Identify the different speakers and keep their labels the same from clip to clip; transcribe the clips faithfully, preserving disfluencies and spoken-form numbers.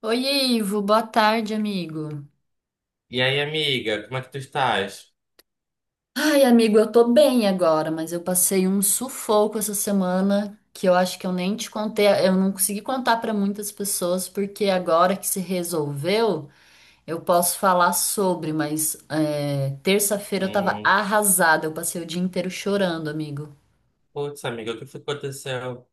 Speaker 1: Oi, Ivo, boa tarde, amigo.
Speaker 2: E aí, amiga, como é que tu estás?
Speaker 1: Ai, amigo, eu tô bem agora, mas eu passei um sufoco essa semana que eu acho que eu nem te contei, eu não consegui contar pra muitas pessoas, porque agora que se resolveu, eu posso falar sobre, mas é, terça-feira eu tava
Speaker 2: Hum,
Speaker 1: arrasada, eu passei o dia inteiro chorando, amigo.
Speaker 2: Putz, amiga, o que foi que aconteceu?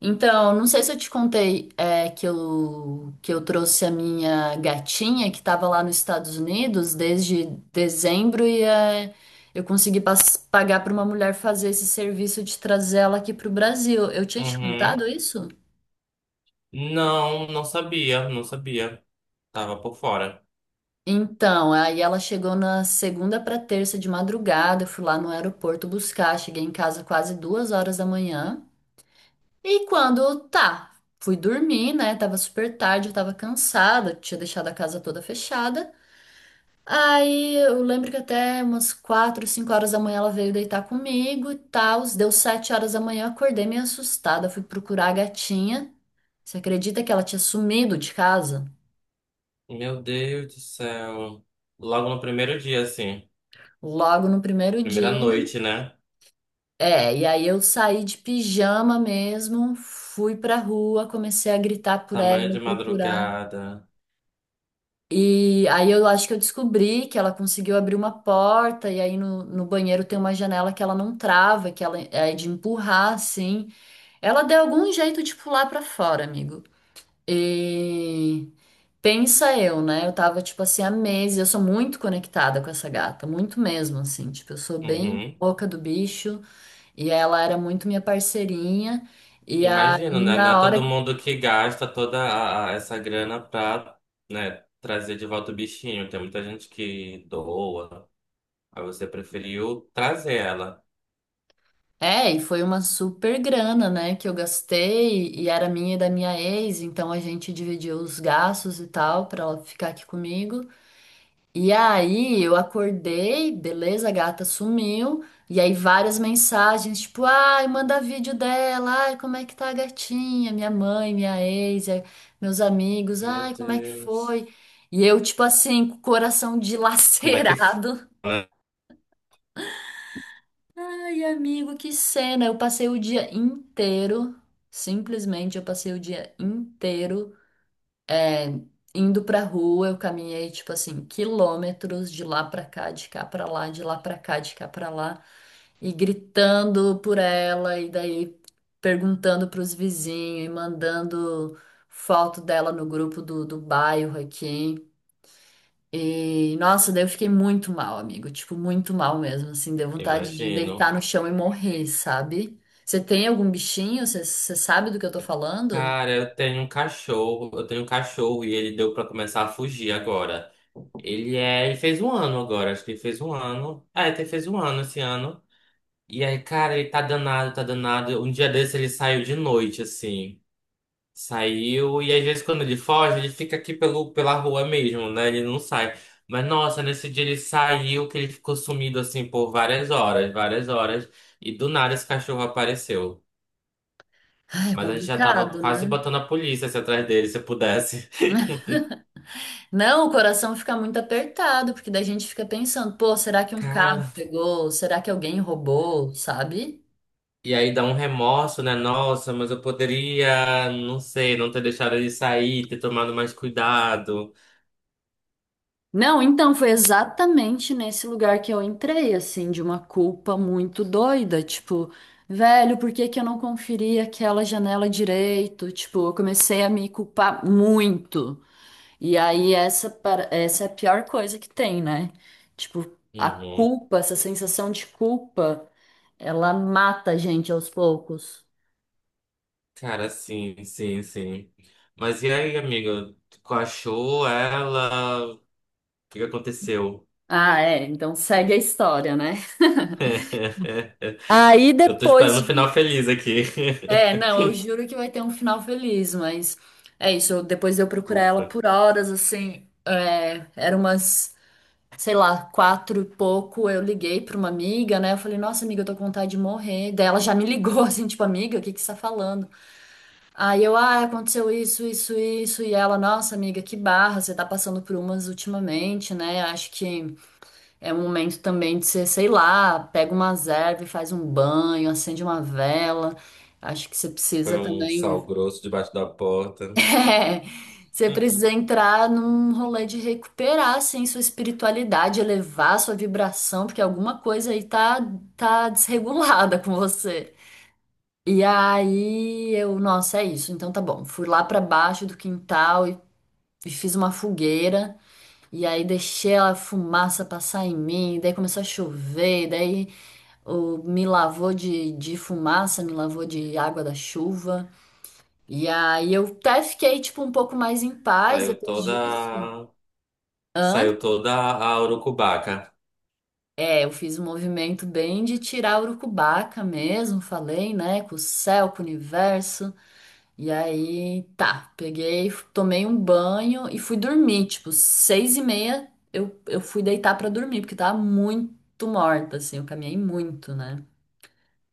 Speaker 1: Então, não sei se eu te contei é, que eu, que eu trouxe a minha gatinha que estava lá nos Estados Unidos desde dezembro e é, eu consegui pas- pagar para uma mulher fazer esse serviço de trazer ela aqui para o Brasil. Eu tinha te
Speaker 2: Uhum.
Speaker 1: contado isso?
Speaker 2: Não, não sabia, não sabia. Tava por fora.
Speaker 1: Então, aí ela chegou na segunda para terça de madrugada, eu fui lá no aeroporto buscar, cheguei em casa quase duas horas da manhã. E quando tá, Fui dormir, né? Tava super tarde, eu tava cansada, tinha deixado a casa toda fechada. Aí eu lembro que até umas quatro, cinco horas da manhã ela veio deitar comigo e tal. Deu sete horas da manhã, eu acordei meio assustada. Fui procurar a gatinha. Você acredita que ela tinha sumido de casa?
Speaker 2: Meu Deus do céu. Logo no primeiro dia, assim.
Speaker 1: Logo no primeiro
Speaker 2: Primeira
Speaker 1: dia.
Speaker 2: noite, né?
Speaker 1: É, e aí eu saí de pijama mesmo, fui pra rua, comecei a gritar por
Speaker 2: Tamanho
Speaker 1: ela,
Speaker 2: de
Speaker 1: procurar.
Speaker 2: madrugada.
Speaker 1: E aí eu acho que eu descobri que ela conseguiu abrir uma porta, e aí no, no banheiro tem uma janela que ela não trava, que ela é de empurrar, assim. Ela deu algum jeito de pular pra fora, amigo. E pensa eu, né? Eu tava, tipo assim, há meses, eu sou muito conectada com essa gata, muito mesmo, assim. Tipo, eu sou bem
Speaker 2: Uhum.
Speaker 1: boca do bicho, e ela era muito minha parceirinha. E
Speaker 2: Imagino,
Speaker 1: aí,
Speaker 2: né? Não é
Speaker 1: na hora
Speaker 2: todo mundo que gasta toda a- a- essa grana pra, né, trazer de volta o bichinho. Tem muita gente que doa. Aí você preferiu trazer ela.
Speaker 1: é, e foi uma super grana, né, que eu gastei e era minha e da minha ex, então a gente dividiu os gastos e tal pra ela ficar aqui comigo. E aí eu acordei, beleza, a gata sumiu, e aí várias mensagens, tipo, ai, manda vídeo dela, ai, como é que tá a gatinha, minha mãe, minha ex, eh, meus amigos,
Speaker 2: Meu
Speaker 1: ai, como é que
Speaker 2: Deus.
Speaker 1: foi? E eu, tipo assim, com o coração
Speaker 2: Como é que
Speaker 1: dilacerado.
Speaker 2: fala?
Speaker 1: Ai, amigo, que cena! Eu passei o dia inteiro, simplesmente eu passei o dia inteiro é, indo pra rua. Eu caminhei, tipo assim, quilômetros de lá pra cá, de cá pra lá, de lá pra cá, de cá pra lá, e gritando por ela, e daí perguntando pros vizinhos, e mandando foto dela no grupo do, do bairro aqui. E, nossa, daí eu fiquei muito mal, amigo. Tipo, muito mal mesmo, assim. Deu vontade de deitar
Speaker 2: Imagino.
Speaker 1: no chão e morrer, sabe? Você tem algum bichinho? Você você sabe do que eu tô falando?
Speaker 2: Cara, eu tenho um cachorro, eu tenho um cachorro e ele deu pra começar a fugir agora. Ele é, ele fez um ano agora, acho que ele fez um ano. É, até fez um ano esse ano. E aí, cara, ele tá danado, tá danado. Um dia desse ele saiu de noite, assim. Saiu, e às vezes quando ele foge, ele fica aqui pelo, pela rua mesmo, né? Ele não sai. Mas nossa, nesse dia ele saiu, que ele ficou sumido assim por várias horas, várias horas. E do nada esse cachorro apareceu.
Speaker 1: Ai, é
Speaker 2: Mas a gente já tava
Speaker 1: complicado,
Speaker 2: quase
Speaker 1: né?
Speaker 2: botando a polícia assim, atrás dele, se pudesse.
Speaker 1: Não, o coração fica muito apertado, porque daí a gente fica pensando, pô, será que um carro
Speaker 2: Cara,
Speaker 1: pegou? Será que alguém roubou, sabe?
Speaker 2: e aí dá um remorso, né? Nossa, mas eu poderia, não sei, não ter deixado ele sair, ter tomado mais cuidado.
Speaker 1: Não, então foi exatamente nesse lugar que eu entrei, assim, de uma culpa muito doida, tipo, velho, por que que eu não conferi aquela janela direito? Tipo, eu comecei a me culpar muito. E aí essa para- essa é a pior coisa que tem, né? Tipo, a
Speaker 2: Uhum.
Speaker 1: culpa, essa sensação de culpa, ela mata a gente aos poucos.
Speaker 2: Cara, sim, sim, sim. Mas e aí, amigo? Tu achou ela? O que que aconteceu?
Speaker 1: Ah, é, então segue a história, né? Aí
Speaker 2: Eu tô esperando um
Speaker 1: depois
Speaker 2: final
Speaker 1: de
Speaker 2: feliz aqui.
Speaker 1: É, não, eu juro que vai ter um final feliz, mas é isso. eu- depois de eu procurar ela
Speaker 2: Ufa.
Speaker 1: por horas, assim, é, era umas, sei lá, quatro e pouco. Eu liguei pra uma amiga, né? Eu falei, nossa, amiga, eu tô com vontade de morrer. Daí ela já me ligou, assim, tipo, amiga, o que que você tá falando? Aí eu, ah, aconteceu isso, isso, isso. E ela, nossa, amiga, que barra, você tá passando por umas ultimamente, né? Acho que é um momento também de você, sei lá, pega umas ervas e faz um banho, acende uma vela. Acho que você
Speaker 2: Foi
Speaker 1: precisa
Speaker 2: um sal
Speaker 1: também.
Speaker 2: grosso debaixo da porta.
Speaker 1: É, você precisa entrar num rolê de recuperar, assim, sua espiritualidade, elevar sua vibração, porque alguma coisa aí tá, tá desregulada com você. E aí eu, nossa, é isso, então tá bom. Fui lá pra baixo do quintal e, e fiz uma fogueira, e aí deixei a fumaça passar em mim, daí começou a chover, daí o, me lavou de, de fumaça, me lavou de água da chuva. E aí eu até fiquei, tipo, um pouco mais em paz
Speaker 2: Saiu
Speaker 1: depois
Speaker 2: toda
Speaker 1: disso. Hã?
Speaker 2: Saiu toda a urucubaca.
Speaker 1: É, eu fiz um movimento bem de tirar urucubaca mesmo, falei, né, com o céu, com o universo. E aí, tá, peguei, tomei um banho e fui dormir, tipo, seis e meia eu, eu fui deitar pra dormir, porque tava muito morta, assim, eu caminhei muito, né?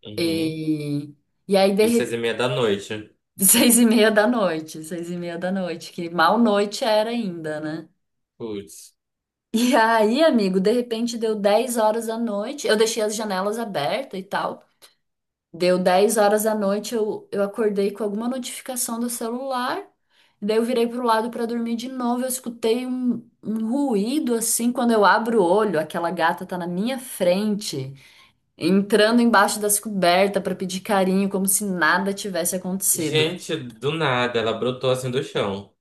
Speaker 2: Uhum.
Speaker 1: E, e aí, de
Speaker 2: E seis e
Speaker 1: repente,
Speaker 2: meia da noite.
Speaker 1: seis e meia da noite, seis e meia da noite, que mal noite era ainda, né?
Speaker 2: Putz.
Speaker 1: E aí, amigo, de repente deu dez horas da noite. Eu deixei as janelas abertas e tal. Deu dez horas da noite, eu, eu acordei com alguma notificação do celular. Daí eu virei pro lado para dormir de novo. Eu escutei um, um ruído assim. Quando eu abro o olho, aquela gata tá na minha frente, entrando embaixo das cobertas para pedir carinho, como se nada tivesse acontecido.
Speaker 2: Gente, do nada, ela brotou assim do chão.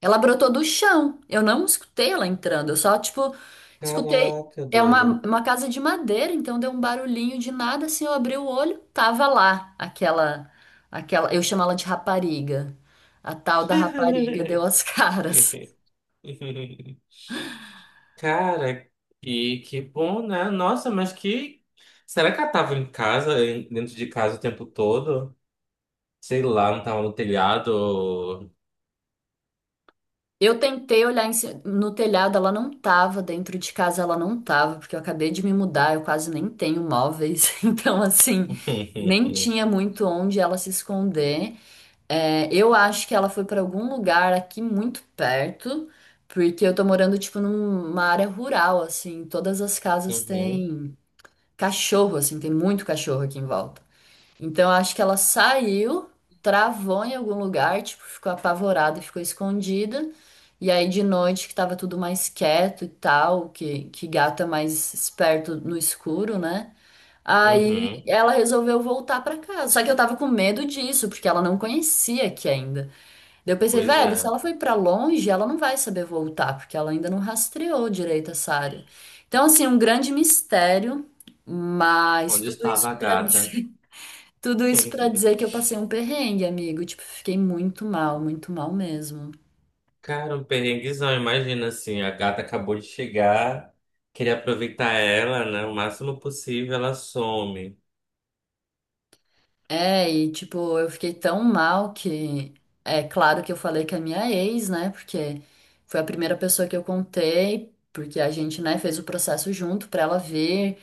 Speaker 1: Ela brotou do chão. Eu não escutei ela entrando. Eu só, tipo, escutei.
Speaker 2: Caraca,
Speaker 1: É uma,
Speaker 2: doido.
Speaker 1: uma casa de madeira, então deu um barulhinho de nada. Assim, eu abri o olho, tava lá aquela, aquela. Eu chamo ela de rapariga. A tal da rapariga deu as caras.
Speaker 2: Cara, que, que bom, né? Nossa, mas que. Será que ela tava em casa, em- dentro de casa o tempo todo? Sei lá, não tava no telhado.
Speaker 1: Eu tentei olhar em ci- no telhado, ela não tava. Dentro de casa, ela não tava, porque eu acabei de me mudar. Eu quase nem tenho móveis. Então, assim, nem tinha muito onde ela se esconder. É, eu acho que ela foi para algum lugar aqui muito perto, porque eu tô morando, tipo, numa área rural, assim. Todas as casas
Speaker 2: Uhum,
Speaker 1: têm cachorro, assim, tem muito cachorro aqui em volta. Então, eu acho que ela saiu, travou em algum lugar, tipo, ficou apavorada e ficou escondida. E aí, de noite, que tava tudo mais quieto e tal, que, que gato é mais esperto no escuro, né? Aí
Speaker 2: uhum.
Speaker 1: ela resolveu voltar para casa. Só que eu tava com medo disso, porque ela não conhecia aqui ainda. Daí eu pensei,
Speaker 2: Pois
Speaker 1: velho, se
Speaker 2: é.
Speaker 1: ela foi pra longe, ela não vai saber voltar, porque ela ainda não rastreou direito essa área. Então, assim, um grande mistério, mas
Speaker 2: Onde
Speaker 1: tudo
Speaker 2: estava
Speaker 1: isso
Speaker 2: a
Speaker 1: pra
Speaker 2: gata?
Speaker 1: dizer, tudo isso para dizer que eu passei um perrengue, amigo. Tipo, fiquei muito mal, muito mal mesmo.
Speaker 2: Cara, um perrenguezão, imagina assim, a gata acabou de chegar, queria aproveitar ela, né? O máximo possível, ela some.
Speaker 1: É, e tipo, eu fiquei tão mal que é claro que eu falei que é minha ex, né? Porque foi a primeira pessoa que eu contei, porque a gente, né, fez o processo junto pra ela ver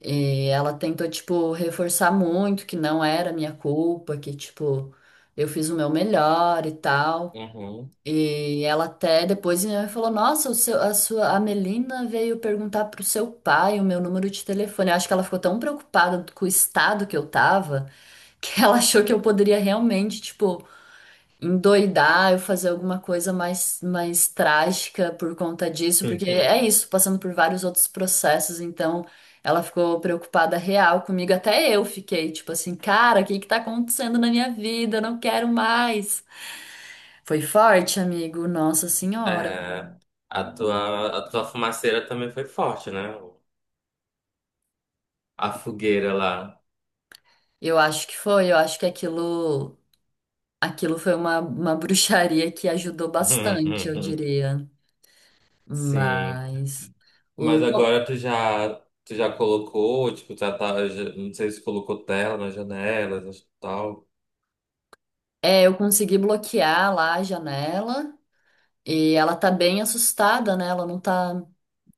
Speaker 1: E ela tentou, tipo, reforçar muito que não era minha culpa, que, tipo, eu fiz o meu melhor e tal.
Speaker 2: Uhum.
Speaker 1: E ela até depois eh, falou: Nossa, o seu, a sua, a Melina veio perguntar pro seu pai o meu número de telefone. Eu acho que ela ficou tão preocupada com o estado que eu tava que ela achou que eu poderia realmente, tipo endoidar, eu fazer alguma coisa mais, mais trágica por conta disso, porque é isso, passando por vários outros processos, então ela ficou preocupada real comigo, até eu fiquei tipo assim, cara, o que que tá acontecendo na minha vida? Eu não quero mais. Foi forte, amigo, Nossa Senhora.
Speaker 2: É, a tua, a tua fumaceira também foi forte, né? A fogueira lá.
Speaker 1: Eu acho que foi, eu acho que aquilo, aquilo foi uma, uma bruxaria que ajudou bastante, eu diria.
Speaker 2: Sim.
Speaker 1: Mas
Speaker 2: Mas
Speaker 1: o, co-
Speaker 2: agora tu já, tu já colocou, tipo, já tá, já- não sei se colocou tela nas janelas, tal.
Speaker 1: é, eu consegui bloquear lá a janela. E ela tá bem assustada, né? Ela não tá,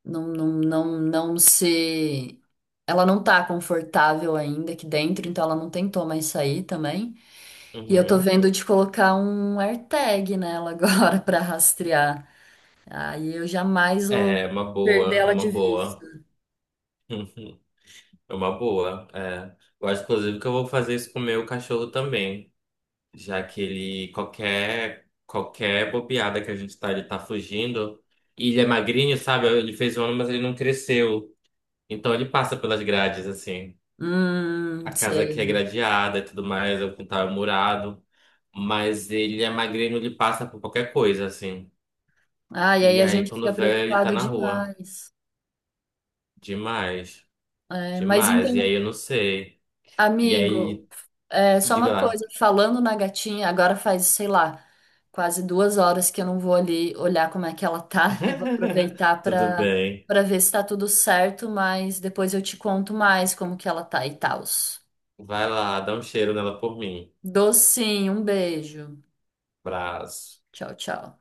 Speaker 1: não, não, não, não se, ela não tá confortável ainda aqui dentro, então ela não tentou mais sair também. E eu tô
Speaker 2: Uhum.
Speaker 1: vendo de colocar um AirTag nela agora pra rastrear. Aí eu jamais vou
Speaker 2: É, uma
Speaker 1: perder
Speaker 2: boa, é
Speaker 1: ela
Speaker 2: uma
Speaker 1: de
Speaker 2: boa.
Speaker 1: vista.
Speaker 2: É uma boa, é. Eu acho, inclusive, que eu vou fazer isso com o meu cachorro também, já que ele, qualquer, qualquer bobeada que a gente tá, ele tá fugindo. E ele é magrinho, sabe? Ele fez um ano, mas ele não cresceu. Então ele passa pelas grades, assim.
Speaker 1: Hum,
Speaker 2: A casa aqui é
Speaker 1: sei.
Speaker 2: gradeada e tudo mais, o quintal é murado. Mas ele é magrinho, ele passa por qualquer coisa, assim.
Speaker 1: Ah, e aí
Speaker 2: E
Speaker 1: a
Speaker 2: aí,
Speaker 1: gente
Speaker 2: quando
Speaker 1: fica
Speaker 2: vê, ele tá
Speaker 1: preocupado
Speaker 2: na rua.
Speaker 1: demais.
Speaker 2: Demais,
Speaker 1: É, mas
Speaker 2: demais. E aí
Speaker 1: então
Speaker 2: eu não sei. E
Speaker 1: amigo,
Speaker 2: aí,
Speaker 1: é só
Speaker 2: diga
Speaker 1: uma coisa,
Speaker 2: lá.
Speaker 1: falando na gatinha, agora faz, sei lá, quase duas horas que eu não vou ali olhar como é que ela tá. Eu vou aproveitar
Speaker 2: Tudo
Speaker 1: para
Speaker 2: bem.
Speaker 1: para ver se tá tudo certo, mas depois eu te conto mais como que ela tá e tals.
Speaker 2: Vai lá, dá um cheiro nela por mim.
Speaker 1: Docinho, um beijo.
Speaker 2: Braço.
Speaker 1: Tchau, tchau.